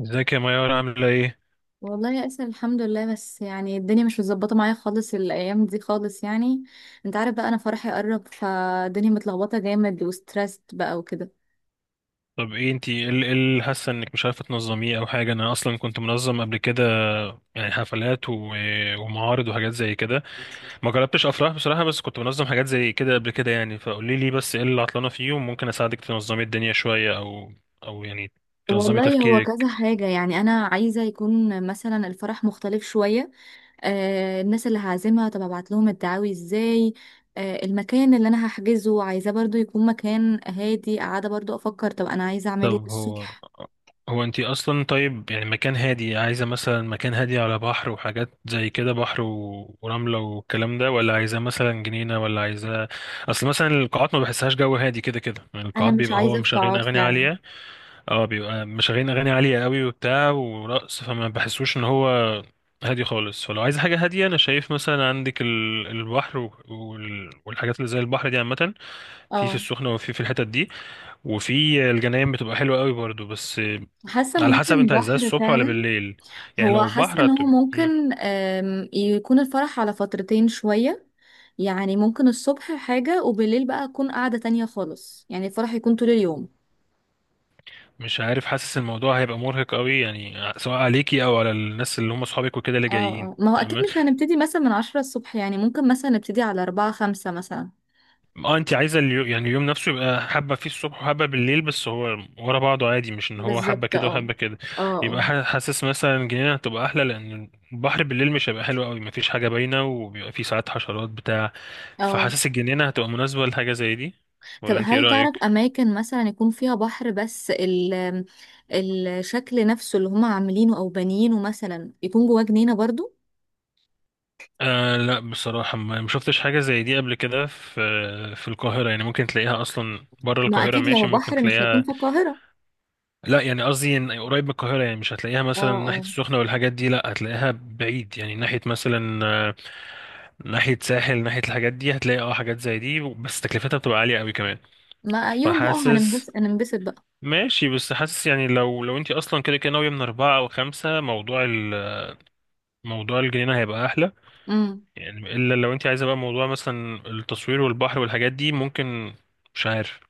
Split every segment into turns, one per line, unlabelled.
ازيك يا ميار عاملة ايه؟
والله يا اسر الحمد لله بس يعني الدنيا مش متظبطه معايا خالص الايام دي خالص يعني انت عارف بقى انا فرحي قرب فالدنيا متلخبطه جامد وستريسد بقى وكده.
طب ايه انتي إيه اللي حاسة انك مش عارفة تنظميه او حاجة. انا اصلا كنت منظم قبل كده، يعني حفلات ومعارض وحاجات زي كده. ما جربتش افراح بصراحة، بس كنت منظم حاجات زي كده قبل كده، يعني فقولي لي بس ايه اللي عطلانة فيه وممكن اساعدك تنظمي الدنيا شوية، او يعني تنظمي
والله هو كذا
تفكيرك.
حاجة، يعني أنا عايزة يكون مثلا الفرح مختلف شوية. آه الناس اللي هعزمها، طب أبعت لهم الدعاوي إزاي؟ آه المكان اللي أنا هحجزه عايزاه برضو يكون مكان هادي، قاعدة برضو أفكر طب أنا عايزة أعمله
طب هو
الصبح.
هو انتي اصلا، طيب يعني مكان هادي، عايزه مثلا مكان هادي على بحر وحاجات زي كده، بحر ورمله والكلام ده، ولا عايزه مثلا جنينه، ولا عايزه. اصل مثلا القاعات ما بحسهاش جو هادي كده كده، يعني
أنا
القاعات
مش
بيبقى هو
عايزة في
مشغلين
قاعات
اغاني
فعلا.
عاليه. اه، بيبقى مشغلين اغاني عاليه قوي وبتاع ورقص، فما بحسوش ان هو هادي خالص. فلو عايز حاجه هاديه، انا شايف مثلا عندك البحر والحاجات اللي زي البحر دي عامه في
اه،
السخنه، وفي الحتت دي، وفي الجناين بتبقى حلوة قوي برضو. بس
حاسة
على حسب
ممكن
انت عايزها
بحر
الصبح ولا
فعلا.
بالليل؟ يعني
هو
لو
حاسة
بحر
ان هو
م-
ممكن يكون الفرح على فترتين شوية، يعني ممكن الصبح حاجة وبالليل بقى أكون قاعدة تانية خالص، يعني الفرح يكون طول اليوم.
مش عارف، حاسس الموضوع هيبقى مرهق قوي، يعني سواء عليكي او على الناس اللي هم اصحابك وكده اللي
اه
جايين.
اه، ما هو أكيد
تمام.
مش هنبتدي مثلا من 10 الصبح، يعني ممكن مثلا نبتدي على 4 أو 5 مثلا.
اه انت عايزه يعني اليوم نفسه يبقى حبه فيه الصبح وحبه بالليل، بس هو ورا بعضه عادي، مش ان هو حبه
بالظبط
كده
اه.
وحبه كده.
اه
يبقى
اه
حاسس مثلا جنينه هتبقى احلى، لان البحر بالليل مش هيبقى حلو قوي، مفيش حاجه باينه وبيبقى فيه ساعات حشرات بتاع.
اه.
فحاسس الجنينه هتبقى مناسبه لحاجه زي دي،
طب
ولا انت ايه
هل تعرف
رايك؟
أماكن مثلا يكون فيها بحر بس الشكل نفسه اللي هما عاملينه أو بانيينه مثلا يكون جواه جنينة برضو؟
لا بصراحة ما شفتش حاجة زي دي قبل كده في القاهرة، يعني ممكن تلاقيها أصلا بره
ما
القاهرة،
أكيد لو
ماشي ممكن
بحر مش هيكون
تلاقيها.
في القاهرة.
لا يعني قصدي إن قريب من القاهرة، يعني مش هتلاقيها
اه
مثلا ناحية
اه.
السخنة والحاجات دي، لا هتلاقيها بعيد، يعني ناحية مثلا ناحية ساحل، ناحية الحاجات دي هتلاقي اه حاجات زي دي، بس تكلفتها بتبقى عالية قوي كمان.
ما يوم بقى،
فحاسس
هننبسط هننبسط بقى.
ماشي، بس حاسس يعني لو انت اصلا كده كده ناوية من أربعة أو خمسة، موضوع موضوع الجنينة هيبقى أحلى.
امم،
يعني الا لو انت عايزه بقى موضوع مثلا التصوير والبحر والحاجات دي، ممكن، مش عارف،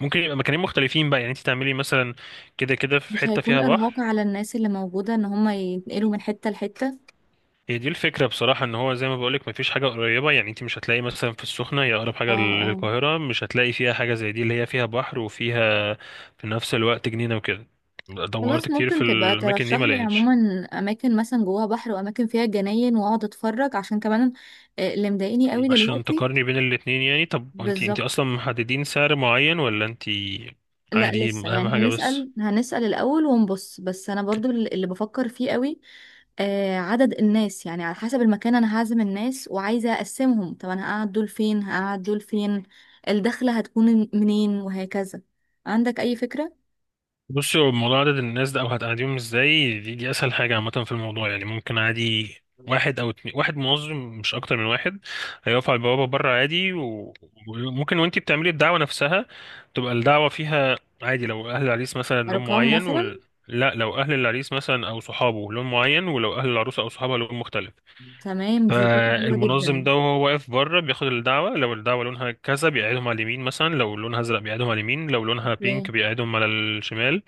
ممكن يبقى مكانين مختلفين بقى، يعني انت تعملي مثلا كده كده في
مش
حته
هيكون
فيها
إرهاق
بحر.
على الناس اللي موجودة إن هما ينقلوا من حتة لحتة؟
هي دي الفكره بصراحه، ان هو زي ما بقولك مفيش حاجه قريبه، يعني انت مش هتلاقي مثلا في السخنه، هي اقرب
اه
حاجه
اه.
للقاهره، مش هتلاقي فيها حاجه زي دي اللي هي فيها بحر وفيها في نفس الوقت جنينه وكده. دورت
خلاص
كتير في
ممكن تبقى
الاماكن
ترشح
دي، ما
لي
لقيتش.
عموما أماكن مثلا جواها بحر وأماكن فيها جناين وأقعد أتفرج، عشان كمان اللي مضايقني قوي
عشان
دلوقتي.
تقارني بين الاتنين، يعني طب انت
بالظبط.
اصلا محددين سعر معين ولا انت؟
لا
عادي،
لسه،
اهم
يعني
حاجه. بس
هنسأل هنسأل الأول ونبص، بس أنا برضو اللي بفكر فيه قوي آه عدد الناس، يعني على حسب المكان أنا هعزم الناس وعايزة أقسمهم، طب أنا هقعد دول فين، هقعد دول فين، الدخلة هتكون منين، وهكذا. عندك أي فكرة؟
بصي هو موضوع عدد الناس ده او هتقعديهم ازاي، دي اسهل حاجه عامه في الموضوع، يعني ممكن عادي واحد او اتنين، واحد منظم مش اكتر من واحد، هيقف على البوابه بره عادي وممكن وانتي بتعملي الدعوه نفسها تبقى الدعوه فيها عادي، لو اهل العريس مثلا لون
أرقام
معين
مثلا؟
لا لو اهل العريس مثلا او صحابه لون معين، ولو اهل العروسه او صحابها لون مختلف،
تمام، دي فكرة حلوة
فالمنظم
جدا.
ده وهو واقف بره بياخد الدعوه، لو الدعوه لونها كذا بيقعدهم على اليمين، مثلا لو لونها ازرق بيقعدهم على اليمين، لو لونها
أوكي.
بينك بيقعدهم على الشمال.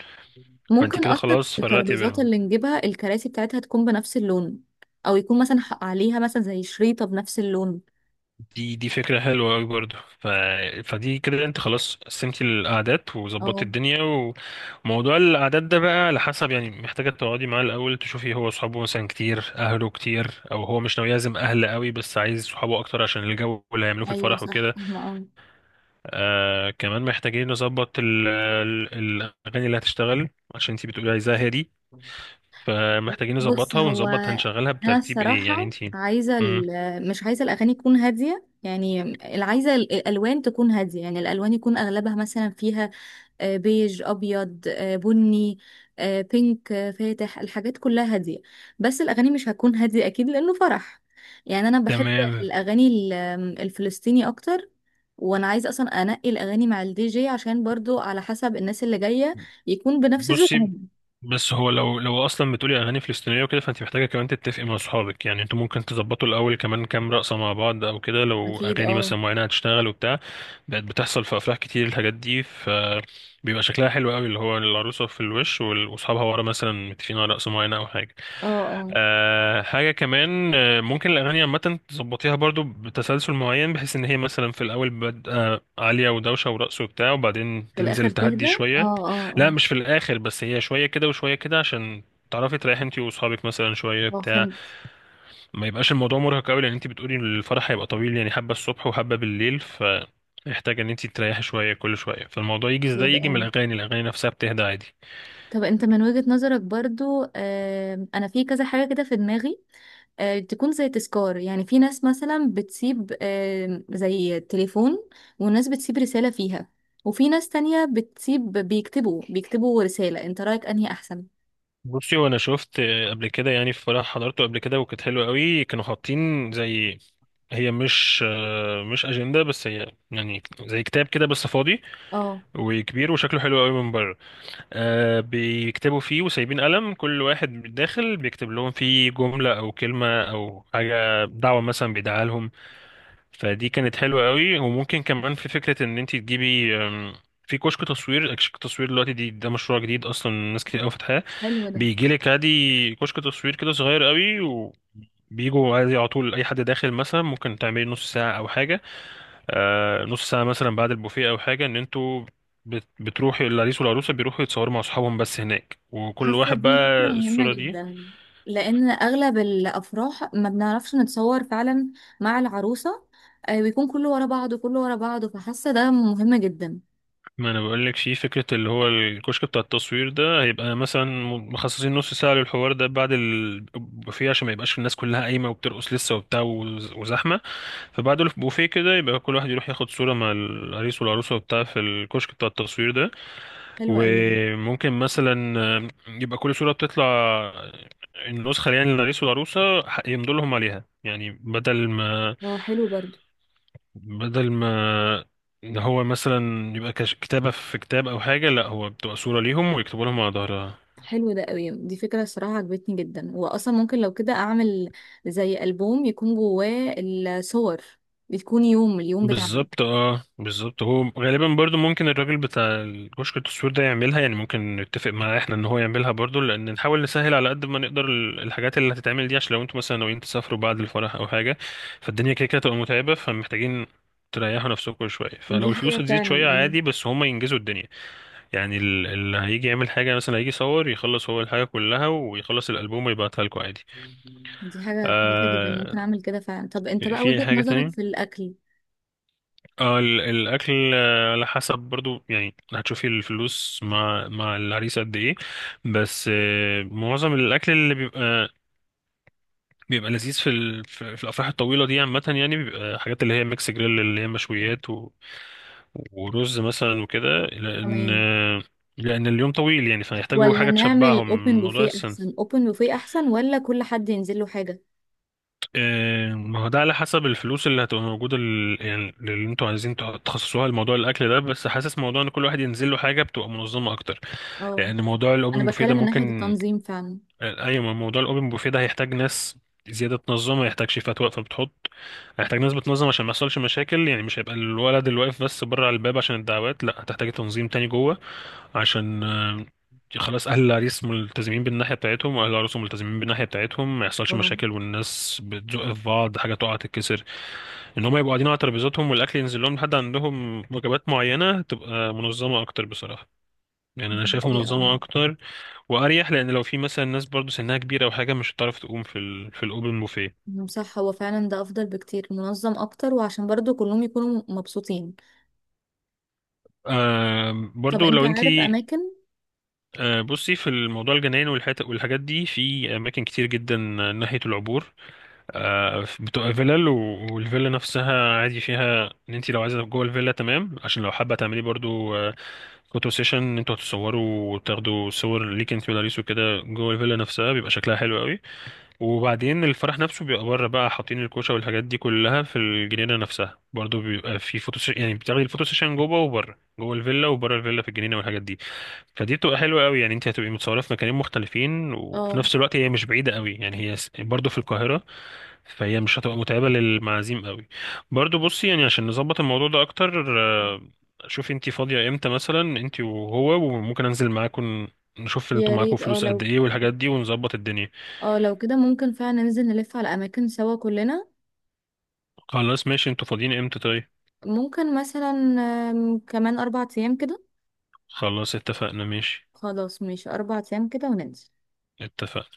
فانت
ممكن
كده
أصلا
خلاص فرقتي
الترابيزات
بينهم.
اللي نجيبها، الكراسي بتاعتها تكون بنفس اللون، أو يكون مثلا عليها مثلا زي شريطة بنفس اللون.
دي فكرة حلوة أوي برضه فدي كده انت خلاص قسمتي الأعداد وظبطتي
اه
الدنيا. وموضوع الأعداد ده بقى على حسب، يعني محتاجة تقعدي معاه الأول تشوفي هو صحابه مثلا كتير، أهله كتير، أو هو مش ناوي يعزم أهل قوي، بس عايز صحابه أكتر عشان الجو اللي هيعملوه في
ايوه
الفرح
صح،
وكده.
فاهمة اه.
آه كمان محتاجين نظبط الأغاني اللي هتشتغل، عشان انت بتقولي عايزاها هادي، فمحتاجين
بص
نظبطها
هو،
ونظبط هنشغلها
انا
بترتيب ايه، يعني
الصراحه
انت.
عايزه
مم.
مش عايزه الاغاني تكون هاديه، يعني اللي عايزه الالوان تكون هاديه، يعني الالوان يكون اغلبها مثلا فيها بيج، ابيض، بني، بينك، فاتح، الحاجات كلها هاديه. بس الاغاني مش هتكون هاديه اكيد، لانه فرح. يعني انا بحب
تمام.
الاغاني ال- آمم، الفلسطيني اكتر، وانا عايزه اصلا انقي الاغاني مع الدي جي، عشان برضو على حسب الناس اللي جايه يكون بنفس
بصي
ذوقهم.
بس هو لو اصلا بتقولي اغاني فلسطينيه وكده، فانت محتاجه كمان تتفقي مع اصحابك، يعني انتوا ممكن تظبطوا الاول كمان كام رقصه مع بعض او كده، لو
اكيد
اغاني
اه.
مثلا معينه هتشتغل وبتاع. بقت بتحصل في افراح كتير الحاجات دي، فبيبقى شكلها حلو قوي، اللي هو العروسه في الوش واصحابها ورا مثلا متفقين على رقصه معينه او حاجه.
اه
أه حاجه كمان، ممكن الاغاني عامه تظبطيها برضو بتسلسل معين، بحيث ان هي مثلا في الاول بادئه عاليه ودوشه ورقص وبتاع، وبعدين
في الاخر
تنزل
تهدى،
تهدي شويه.
اه اه
لا
اه.
مش في الاخر بس، هي شويه كده وشويه كده عشان تعرفي تريحي انت واصحابك مثلا شويه
اه
بتاع.
فهمت.
ما يبقاش الموضوع مرهق قوي، لان انت بتقولي إن الفرح هيبقى طويل، يعني حبه الصبح وحبه بالليل، فيحتاج ان انت تريحي شويه كل شويه، فالموضوع يجي
ليه
ازاي؟
ده؟
يجي من
اه
الاغاني، الاغاني نفسها بتهدى عادي.
طب انت من وجهة نظرك برضو، آه انا في كذا حاجة كده في دماغي. تكون زي تذكار، يعني في ناس مثلا بتسيب زي تليفون، وناس بتسيب رسالة فيها، وفي ناس تانية بتسيب بيكتبوا بيكتبوا رسالة، انت رأيك انهي احسن؟
بصي وانا شفت قبل كده، يعني في فرح حضرته قبل كده وكانت حلوه قوي، كانوا حاطين زي، هي مش اجنده بس، هي يعني زي كتاب كده بس فاضي
اه
وكبير وشكله حلو قوي من بره. آه بيكتبوا فيه وسايبين قلم، كل واحد داخل بيكتب لهم فيه جملة أو كلمة أو حاجة، دعوة مثلا بيدعها لهم. فدي كانت حلوة قوي. وممكن كمان في فكرة إن أنت تجيبي في كشك تصوير. كشك تصوير دلوقتي دي، ده مشروع جديد أصلا ناس كتير قوي فاتحاه.
حلو ده.
بيجيلك عادي كشك تصوير كده صغير قوي، و بيجوا عادي على طول أي حد داخل مثلا ممكن تعملي نص ساعة أو حاجة. نص ساعة مثلا بعد البوفيه أو حاجة، إن أنتوا بتروحوا، العريس والعروسة بيروحوا يتصوروا مع أصحابهم بس هناك، وكل
حاسة
واحد
دي فكرة
بقى
مهمة
الصورة دي.
جدا، لأن أغلب الأفراح ما بنعرفش نتصور فعلا مع العروسة. بيكون كله ورا بعضه كله ورا بعضه، فحاسة ده مهم جدا.
ما أنا بقولك، شيء فكرة اللي هو الكشك بتاع التصوير ده هيبقى مثلا مخصصين نص ساعة للحوار ده بعد البوفيه، عشان ما يبقاش الناس كلها قايمة وبترقص لسه وبتاع وزحمة. فبعد البوفيه كده يبقى كل واحد يروح ياخد صورة مع العريس والعروسة وبتاع في الكشك بتاع التصوير ده.
حلو قوي ده.
وممكن مثلا يبقى كل صورة بتطلع النسخة، يعني للعريس والعروسة يمضوا لهم عليها، يعني بدل ما
اه حلو برضو.
بدل ما إن هو مثلا يبقى كتابة في كتاب أو حاجة، لا هو بتبقى صورة ليهم ويكتبوا لهم على ظهرها.
حلو ده قوي، دي فكرة الصراحة عجبتني جدا، وأصلا ممكن لو كده أعمل زي ألبوم يكون جواه الصور، بتكون يوم اليوم بتاعنا.
بالظبط اه بالظبط. هو غالبا برضو ممكن الراجل بتاع الكشك التصوير ده يعملها، يعني ممكن نتفق معاه احنا ان هو يعملها برضو، لان نحاول نسهل على قد ما نقدر الحاجات اللي هتتعمل دي، عشان لو انتوا مثلا ناويين تسافروا بعد الفرح او حاجة، فالدنيا كده كده تبقى متعبة، فمحتاجين تريحوا نفسكم شوية،
دي
فلو الفلوس
حاجة
هتزيد
فعلا
شوية عادي بس هما ينجزوا الدنيا. يعني اللي هيجي يعمل حاجة مثلا، هيجي يصور يخلص هو الحاجة كلها ويخلص الألبوم ويبعتها لكم عادي.
دي حاجة كويسة جدا،
آه،
ممكن أعمل كده فعلا. طب أنت
في
بقى
أي
وجهة
حاجة.
نظرك في الأكل؟
اه الاكل، على حسب برضو، يعني هتشوفي الفلوس مع العريس قد ايه. بس معظم الاكل اللي بيبقى، بيبقى لذيذ في الافراح الطويله دي عامه، يعني بيبقى حاجات اللي هي ميكس جريل، اللي هي مشويات ورز مثلا وكده، لان
تمام.
لان اليوم طويل، يعني فهيحتاجوا
ولا
حاجه
نعمل اوبن
تشبعهم. موضوع
بوفيه
السن.
احسن؟ اوبن بوفيه احسن ولا كل حد ينزل له حاجه؟
ما هو ده على حسب الفلوس اللي هتبقى موجوده، يعني اللي انتوا عايزين تخصصوها لموضوع الاكل ده، بس حاسس موضوع ان كل واحد ينزل له حاجه بتبقى منظمه اكتر،
اه
لان موضوع الاوبن
انا
بوفيه ده
بتكلم من ناحيه
ممكن.
التنظيم فعلا.
ايوه ما موضوع الاوبن بوفيه ده هيحتاج ناس زياده تنظم، هيحتاج شيفات واقفه بتحط، هيحتاج ناس بتنظم عشان ما يحصلش مشاكل، يعني مش هيبقى الولد اللي واقف بس بره على الباب عشان الدعوات، لا هتحتاج تنظيم تاني جوه عشان خلاص اهل العريس ملتزمين بالناحيه بتاعتهم واهل العروس ملتزمين بالناحيه بتاعتهم، ما يحصلش
اه
مشاكل والناس بتزق في بعض حاجه تقع تتكسر. ان هم يبقوا قاعدين على ترابيزاتهم والاكل ينزل لهم لحد عندهم وجبات معينه، تبقى منظمه اكتر بصراحه، يعني انا
دي
شايفها
حقيقة اه.
منظمه اكتر واريح، لان لو في مثلا ناس برضو سنها كبيره او حاجه، مش هتعرف تقوم في الاوبن بوفيه.
مم، صح، هو فعلا ده افضل بكتير، منظم اكتر وعشان برضو كلهم يكونوا مبسوطين.
آه
طب
برضو
انت
لو انت.
عارف اماكن؟
آه بصي في الموضوع الجناين والحت والحاجات دي في اماكن كتير جدا، ناحيه العبور. آه بتبقى فيلل والفيلا نفسها عادي فيها ان انت لو عايزه جوه الفيلا، تمام، عشان لو حابه تعملي برضو فوتو سيشن، انتوا هتصوروا وتاخدوا صور ليك انت ولاريس وكده، جوه الفيلا نفسها بيبقى شكلها حلو قوي، وبعدين الفرح نفسه بيبقى بره بقى، حاطين الكوشه والحاجات دي كلها في الجنينه نفسها. برضو بيبقى في فوتو سيشن، يعني بتاخدي الفوتو سيشن جوه وبره، جوه الفيلا وبره الفيلا في الجنينه والحاجات دي. فدي بتبقى حلوه قوي، يعني انت هتبقي متصوره في مكانين مختلفين، وفي
اه
نفس الوقت هي مش بعيده قوي، يعني هي برضو في القاهره، فهي مش هتبقى متعبه للمعازيم قوي. برضو بصي، يعني عشان نظبط الموضوع ده اكتر، شوفي انت فاضيه امتى مثلا انت وهو، وممكن انزل معاكم، نشوف انتوا
يا
معاكم
ريت. اه
فلوس قد
لو
ايه والحاجات دي ونظبط الدنيا.
اه لو كده ممكن فعلا ننزل نلف على اماكن سوا كلنا.
خلاص ماشي، انتوا فاضيين امتى طيب؟
ممكن مثلا كمان 4 أيام كده.
خلاص اتفقنا ماشي.
خلاص ماشي 4 أيام كده وننزل.
اتفقنا.